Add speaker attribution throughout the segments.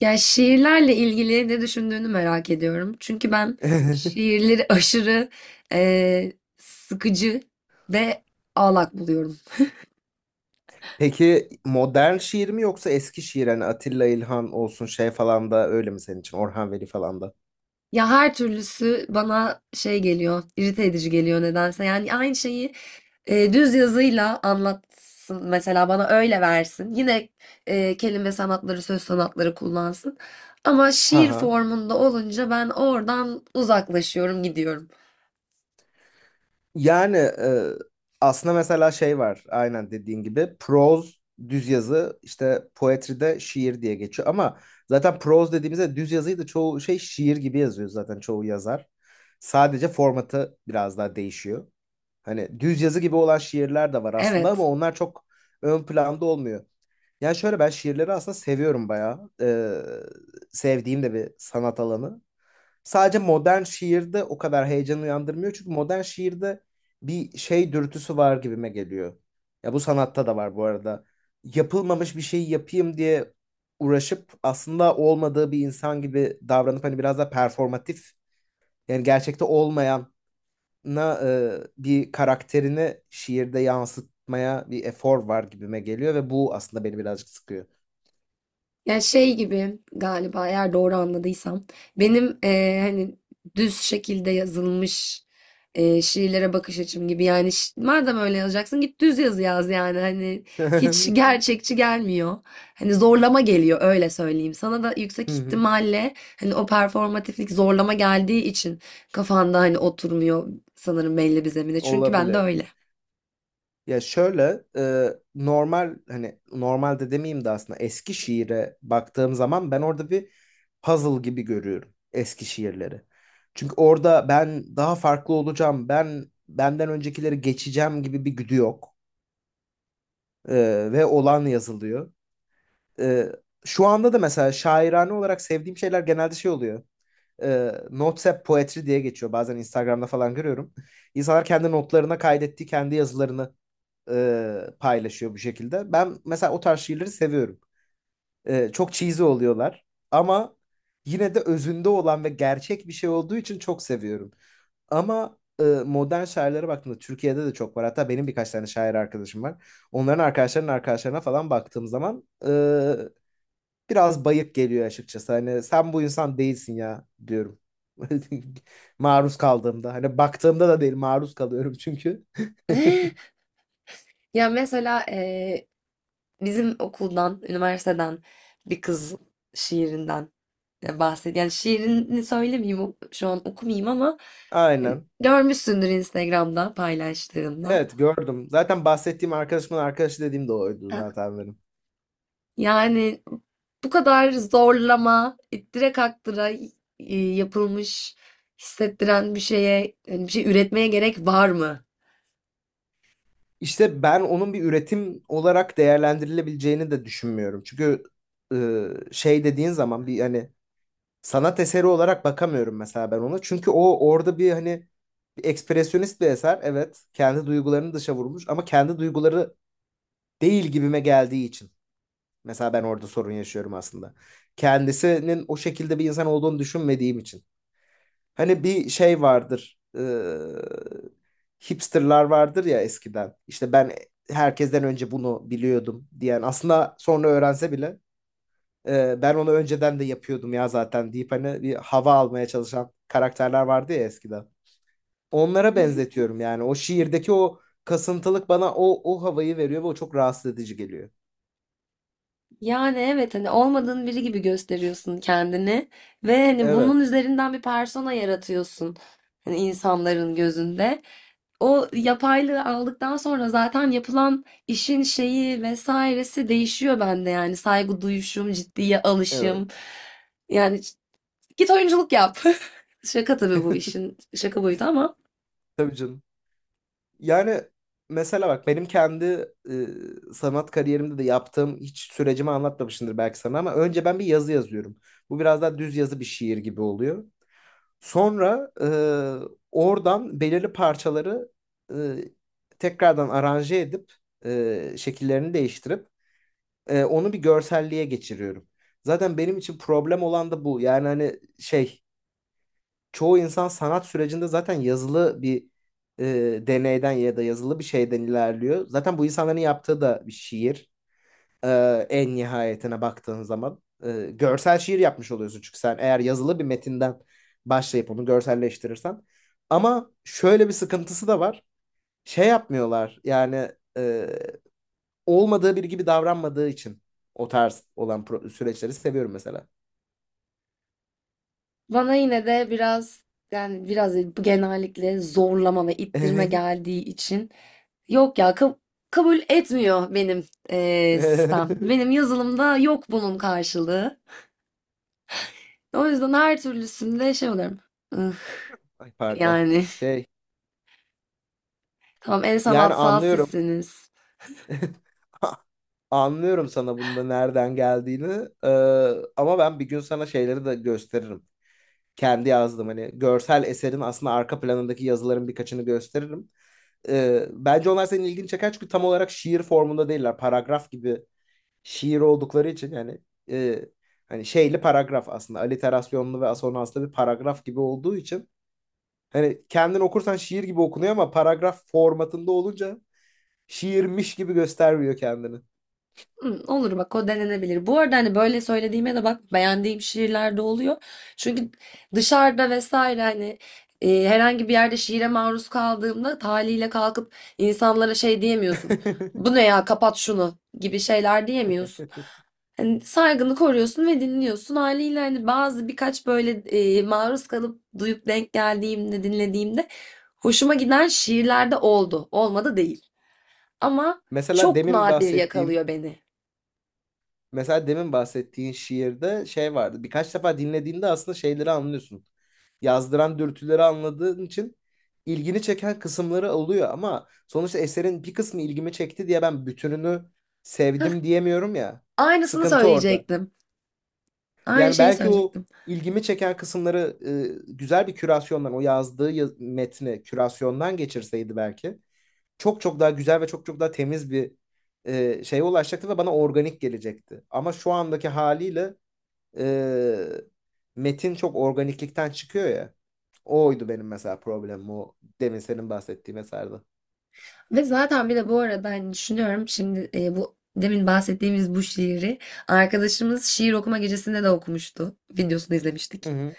Speaker 1: Ya şiirlerle ilgili ne düşündüğünü merak ediyorum. Çünkü ben şiirleri aşırı sıkıcı ve ağlak buluyorum.
Speaker 2: Peki modern şiir mi yoksa eski şiir hani Atilla İlhan olsun şey falan da öyle mi senin için Orhan Veli falan da?
Speaker 1: Ya her türlüsü bana şey geliyor, irite edici geliyor nedense. Yani aynı şeyi düz yazıyla anlatsın mesela, bana öyle versin. Yine kelime sanatları, söz sanatları kullansın. Ama
Speaker 2: Ha
Speaker 1: şiir
Speaker 2: ha.
Speaker 1: formunda olunca ben oradan uzaklaşıyorum, gidiyorum.
Speaker 2: Yani e, aslında mesela şey var aynen dediğin gibi proz düz yazı işte poetride şiir diye geçiyor ama zaten proz dediğimizde düz yazıyı da çoğu şey şiir gibi yazıyor zaten çoğu yazar. Sadece formatı biraz daha değişiyor. Hani düz yazı gibi olan şiirler de var aslında ama
Speaker 1: Evet.
Speaker 2: onlar çok ön planda olmuyor. Yani şöyle ben şiirleri aslında seviyorum bayağı. Sevdiğim de bir sanat alanı. Sadece modern şiirde o kadar heyecan uyandırmıyor. Çünkü modern şiirde bir şey dürtüsü var gibime geliyor. Ya bu sanatta da var bu arada. Yapılmamış bir şeyi yapayım diye uğraşıp aslında olmadığı bir insan gibi davranıp hani biraz da performatif yani gerçekte olmayana bir karakterini şiirde yansıtmaya bir efor var gibime geliyor ve bu aslında beni birazcık sıkıyor.
Speaker 1: Ya şey gibi galiba, eğer doğru anladıysam benim hani düz şekilde yazılmış şiirlere bakış açım gibi. Yani madem öyle yazacaksın git düz yazı yaz yani, hani hiç
Speaker 2: Hı
Speaker 1: gerçekçi gelmiyor. Hani zorlama geliyor, öyle söyleyeyim. Sana da yüksek
Speaker 2: hı,
Speaker 1: ihtimalle hani o performatiflik zorlama geldiği için kafanda hani oturmuyor sanırım belli bir zemine. Çünkü ben de
Speaker 2: olabilir.
Speaker 1: öyle.
Speaker 2: Ya şöyle, normal hani normalde demeyeyim de aslında eski şiire baktığım zaman ben orada bir puzzle gibi görüyorum eski şiirleri. Çünkü orada ben daha farklı olacağım, ben benden öncekileri geçeceğim gibi bir güdü yok. E, ve olan yazılıyor. E, şu anda da mesela şairane olarak sevdiğim şeyler genelde şey oluyor. E, Notes app Poetry diye geçiyor. Bazen Instagram'da falan görüyorum. İnsanlar kendi notlarına kaydettiği kendi yazılarını paylaşıyor bu şekilde. Ben mesela o tarz şiirleri seviyorum. Çok cheesy oluyorlar ama yine de özünde olan ve gerçek bir şey olduğu için çok seviyorum. Ama modern şairlere baktığımda Türkiye'de de çok var. Hatta benim birkaç tane şair arkadaşım var. Onların arkadaşlarının arkadaşlarına falan baktığım zaman biraz bayık geliyor açıkçası. Hani sen bu insan değilsin ya diyorum. Maruz kaldığımda. Hani baktığımda da değil maruz kalıyorum çünkü.
Speaker 1: Ya mesela bizim okuldan, üniversiteden bir kız şiirinden bahsediyor. Yani şiirini söylemeyeyim, şu an okumayayım ama hani
Speaker 2: Aynen.
Speaker 1: görmüşsündür Instagram'da paylaştığında.
Speaker 2: Evet gördüm. Zaten bahsettiğim arkadaşımın arkadaşı dediğim de oydu
Speaker 1: Ha,
Speaker 2: zaten benim.
Speaker 1: yani bu kadar zorlama, ittire kaktıra yapılmış, hissettiren bir şeye, yani bir şey üretmeye gerek var mı?
Speaker 2: İşte ben onun bir üretim olarak değerlendirilebileceğini de düşünmüyorum. Çünkü şey dediğin zaman bir hani sanat eseri olarak bakamıyorum mesela ben ona. Çünkü o orada bir hani bir ekspresyonist bir eser. Evet kendi duygularını dışa vurmuş ama kendi duyguları değil gibime geldiği için. Mesela ben orada sorun yaşıyorum aslında. Kendisinin o şekilde bir insan olduğunu düşünmediğim için. Hani bir şey vardır. Hipsterlar vardır ya eskiden. İşte ben herkesten önce bunu biliyordum diyen. Aslında sonra öğrense bile ben onu önceden de yapıyordum ya zaten deyip hani bir hava almaya çalışan karakterler vardı ya eskiden. Onlara benzetiyorum yani. O şiirdeki o kasıntılık bana o havayı veriyor ve o çok rahatsız edici geliyor.
Speaker 1: Yani evet, hani olmadığın biri gibi gösteriyorsun kendini ve hani bunun
Speaker 2: Evet.
Speaker 1: üzerinden bir persona yaratıyorsun hani insanların gözünde. O yapaylığı aldıktan sonra zaten yapılan işin şeyi vesairesi değişiyor bende, yani saygı duyuşum, ciddiye
Speaker 2: Evet.
Speaker 1: alışım. Yani git oyunculuk yap. Şaka tabii, bu işin şaka boyutu ama.
Speaker 2: Tabii canım. Yani mesela bak benim kendi sanat kariyerimde de yaptığım hiç sürecimi anlatmamışımdır belki sana ama önce ben bir yazı yazıyorum. Bu biraz daha düz yazı bir şiir gibi oluyor. Sonra oradan belirli parçaları e, tekrardan aranje edip şekillerini değiştirip onu bir görselliğe geçiriyorum. Zaten benim için problem olan da bu. Yani hani şey çoğu insan sanat sürecinde zaten yazılı bir deneyden ya da yazılı bir şeyden ilerliyor. Zaten bu insanların yaptığı da bir şiir. E, en nihayetine baktığın zaman görsel şiir yapmış oluyorsun çünkü sen eğer yazılı bir metinden başlayıp onu görselleştirirsen. Ama şöyle bir sıkıntısı da var. Şey yapmıyorlar yani e, olmadığı biri gibi davranmadığı için o tarz olan süreçleri seviyorum mesela.
Speaker 1: Bana yine de biraz, yani biraz değil, bu genellikle zorlama ve ittirme geldiği için yok ya, kabul etmiyor benim sistem. Benim yazılımda yok bunun karşılığı. O yüzden her türlüsünde şey oluyorum. "Ih,
Speaker 2: Ay pardon.
Speaker 1: yani
Speaker 2: Şey
Speaker 1: tamam, en
Speaker 2: yani
Speaker 1: sanatsal
Speaker 2: anlıyorum.
Speaker 1: sizsiniz."
Speaker 2: Anlıyorum sana bunda nereden geldiğini. Ama ben bir gün sana şeyleri de gösteririm. Kendi yazdım hani görsel eserin aslında arka planındaki yazıların birkaçını gösteririm. Bence onlar senin ilgini çeker çünkü tam olarak şiir formunda değiller. Paragraf gibi şiir oldukları için yani e, hani şeyli paragraf aslında aliterasyonlu ve asonanslı bir paragraf gibi olduğu için hani kendin okursan şiir gibi okunuyor ama paragraf formatında olunca şiirmiş gibi göstermiyor kendini.
Speaker 1: Hmm, olur bak, o denenebilir. Bu arada hani böyle söylediğime de bak, beğendiğim şiirler de oluyor. Çünkü dışarıda vesaire, hani herhangi bir yerde şiire maruz kaldığımda taliyle kalkıp insanlara şey diyemiyorsun. Bu ne ya, kapat şunu gibi şeyler diyemiyorsun. Hani saygını koruyorsun ve dinliyorsun. Haliyle hani bazı, birkaç böyle maruz kalıp duyup denk geldiğimde, dinlediğimde hoşuma giden şiirler de oldu. Olmadı değil. Ama
Speaker 2: Mesela
Speaker 1: çok
Speaker 2: demin
Speaker 1: nadir
Speaker 2: bahsettiğin
Speaker 1: yakalıyor beni.
Speaker 2: mesela demin bahsettiğin şiirde şey vardı. Birkaç defa dinlediğinde aslında şeyleri anlıyorsun. Yazdıran dürtüleri anladığın için ilgini çeken kısımları oluyor ama sonuçta eserin bir kısmı ilgimi çekti diye ben bütününü sevdim diyemiyorum ya.
Speaker 1: Aynısını
Speaker 2: Sıkıntı orada.
Speaker 1: söyleyecektim. Aynı
Speaker 2: Yani
Speaker 1: şeyi
Speaker 2: belki o
Speaker 1: söyleyecektim.
Speaker 2: ilgimi çeken kısımları güzel bir kürasyondan, o yazdığı metni kürasyondan geçirseydi belki. Çok çok daha güzel ve çok çok daha temiz bir şeye ulaşacaktı ve bana organik gelecekti. Ama şu andaki haliyle e, metin çok organiklikten çıkıyor ya. Oydu benim mesela problemim o demin senin bahsettiğin eserde.
Speaker 1: Ve zaten bir de bu arada hani düşünüyorum şimdi, bu demin bahsettiğimiz bu şiiri arkadaşımız şiir okuma gecesinde de okumuştu. Videosunu
Speaker 2: Hı
Speaker 1: izlemiştik.
Speaker 2: hı,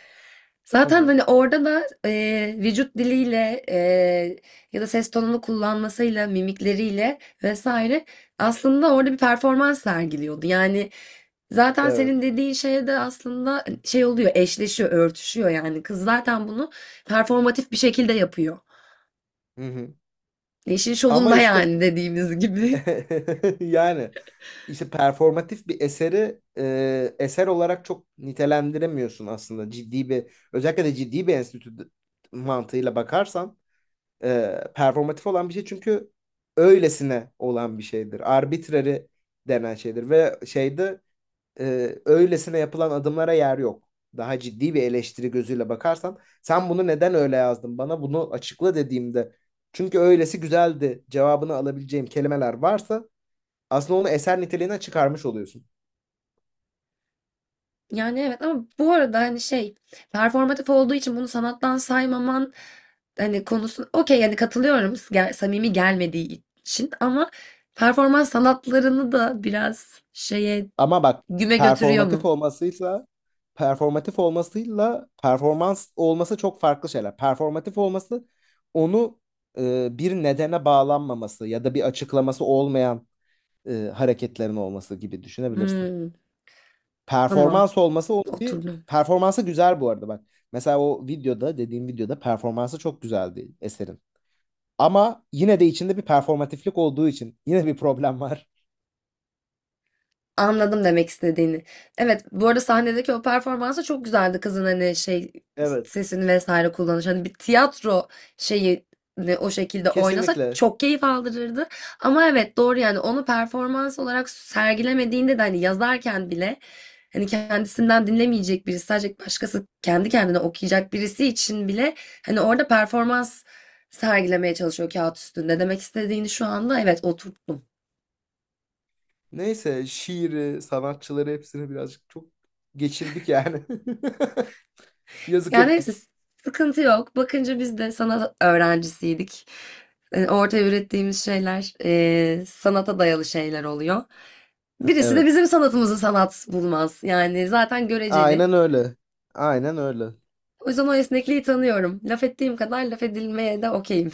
Speaker 2: hı
Speaker 1: Zaten
Speaker 2: hı,
Speaker 1: hani orada da vücut diliyle ya da ses tonunu kullanmasıyla, mimikleriyle vesaire aslında orada bir performans sergiliyordu. Yani zaten
Speaker 2: evet.
Speaker 1: senin dediğin şeye de aslında hani, şey oluyor, eşleşiyor, örtüşüyor yani. Kız zaten bunu performatif bir şekilde yapıyor.
Speaker 2: Hı hı.
Speaker 1: İşin
Speaker 2: Ama
Speaker 1: şovunda
Speaker 2: işte
Speaker 1: yani, dediğimiz gibi.
Speaker 2: yani işte performatif bir eseri eser olarak çok nitelendiremiyorsun aslında ciddi bir özellikle de ciddi bir enstitü mantığıyla bakarsan performatif olan bir şey çünkü öylesine olan bir şeydir. Arbitrary denen şeydir ve şeyde öylesine yapılan adımlara yer yok. Daha ciddi bir eleştiri gözüyle bakarsan sen bunu neden öyle yazdın bana bunu açıkla dediğimde çünkü öylesi güzeldi cevabını alabileceğim kelimeler varsa aslında onu eser niteliğine çıkarmış oluyorsun.
Speaker 1: Yani evet, ama bu arada hani şey, performatif olduğu için bunu sanattan saymaman hani, konusu okey, yani katılıyorum, samimi gelmediği için, ama performans sanatlarını da biraz şeye
Speaker 2: Ama bak
Speaker 1: güme götürüyor
Speaker 2: performatif
Speaker 1: mu?
Speaker 2: olmasıyla performatif olmasıyla performans olması çok farklı şeyler. Performatif olması onu bir nedene bağlanmaması ya da bir açıklaması olmayan hareketlerin olması gibi düşünebilirsin.
Speaker 1: Hmm, tamam,
Speaker 2: Performans olması onu bir
Speaker 1: oturdum.
Speaker 2: performansı güzel bu arada bak. Mesela o videoda dediğim videoda performansı çok güzeldi eserin. Ama yine de içinde bir performatiflik olduğu için yine bir problem var.
Speaker 1: Anladım demek istediğini. Evet, bu arada sahnedeki o performansı çok güzeldi kızın, hani şey,
Speaker 2: Evet.
Speaker 1: sesini vesaire kullanış. Hani bir tiyatro şeyi ne, o şekilde oynasa
Speaker 2: Kesinlikle.
Speaker 1: çok keyif aldırırdı. Ama evet, doğru yani, onu performans olarak sergilemediğinde de hani yazarken bile, hani kendisinden dinlemeyecek birisi, sadece başkası kendi kendine okuyacak birisi için bile hani orada performans sergilemeye çalışıyor kağıt üstünde. Demek istediğini şu anda evet oturttum.
Speaker 2: Neyse şiiri, sanatçıları hepsini birazcık çok geçirdik yani. Yazık
Speaker 1: Ya neyse,
Speaker 2: ettik.
Speaker 1: sıkıntı yok. Bakınca biz de sanat öğrencisiydik. Ortaya ürettiğimiz şeyler sanata dayalı şeyler oluyor. Birisi de
Speaker 2: Evet.
Speaker 1: bizim sanatımızı sanat bulmaz. Yani zaten göreceli.
Speaker 2: Aynen öyle. Aynen öyle.
Speaker 1: O yüzden o esnekliği tanıyorum. Laf ettiğim kadar laf edilmeye de okeyim.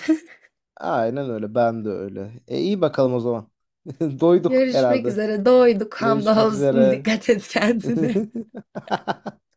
Speaker 2: Aynen öyle. Ben de öyle. E iyi bakalım o zaman. Doyduk
Speaker 1: Görüşmek
Speaker 2: herhalde.
Speaker 1: üzere. Doyduk.
Speaker 2: Görüşmek
Speaker 1: Hamdolsun.
Speaker 2: üzere.
Speaker 1: Dikkat et kendine.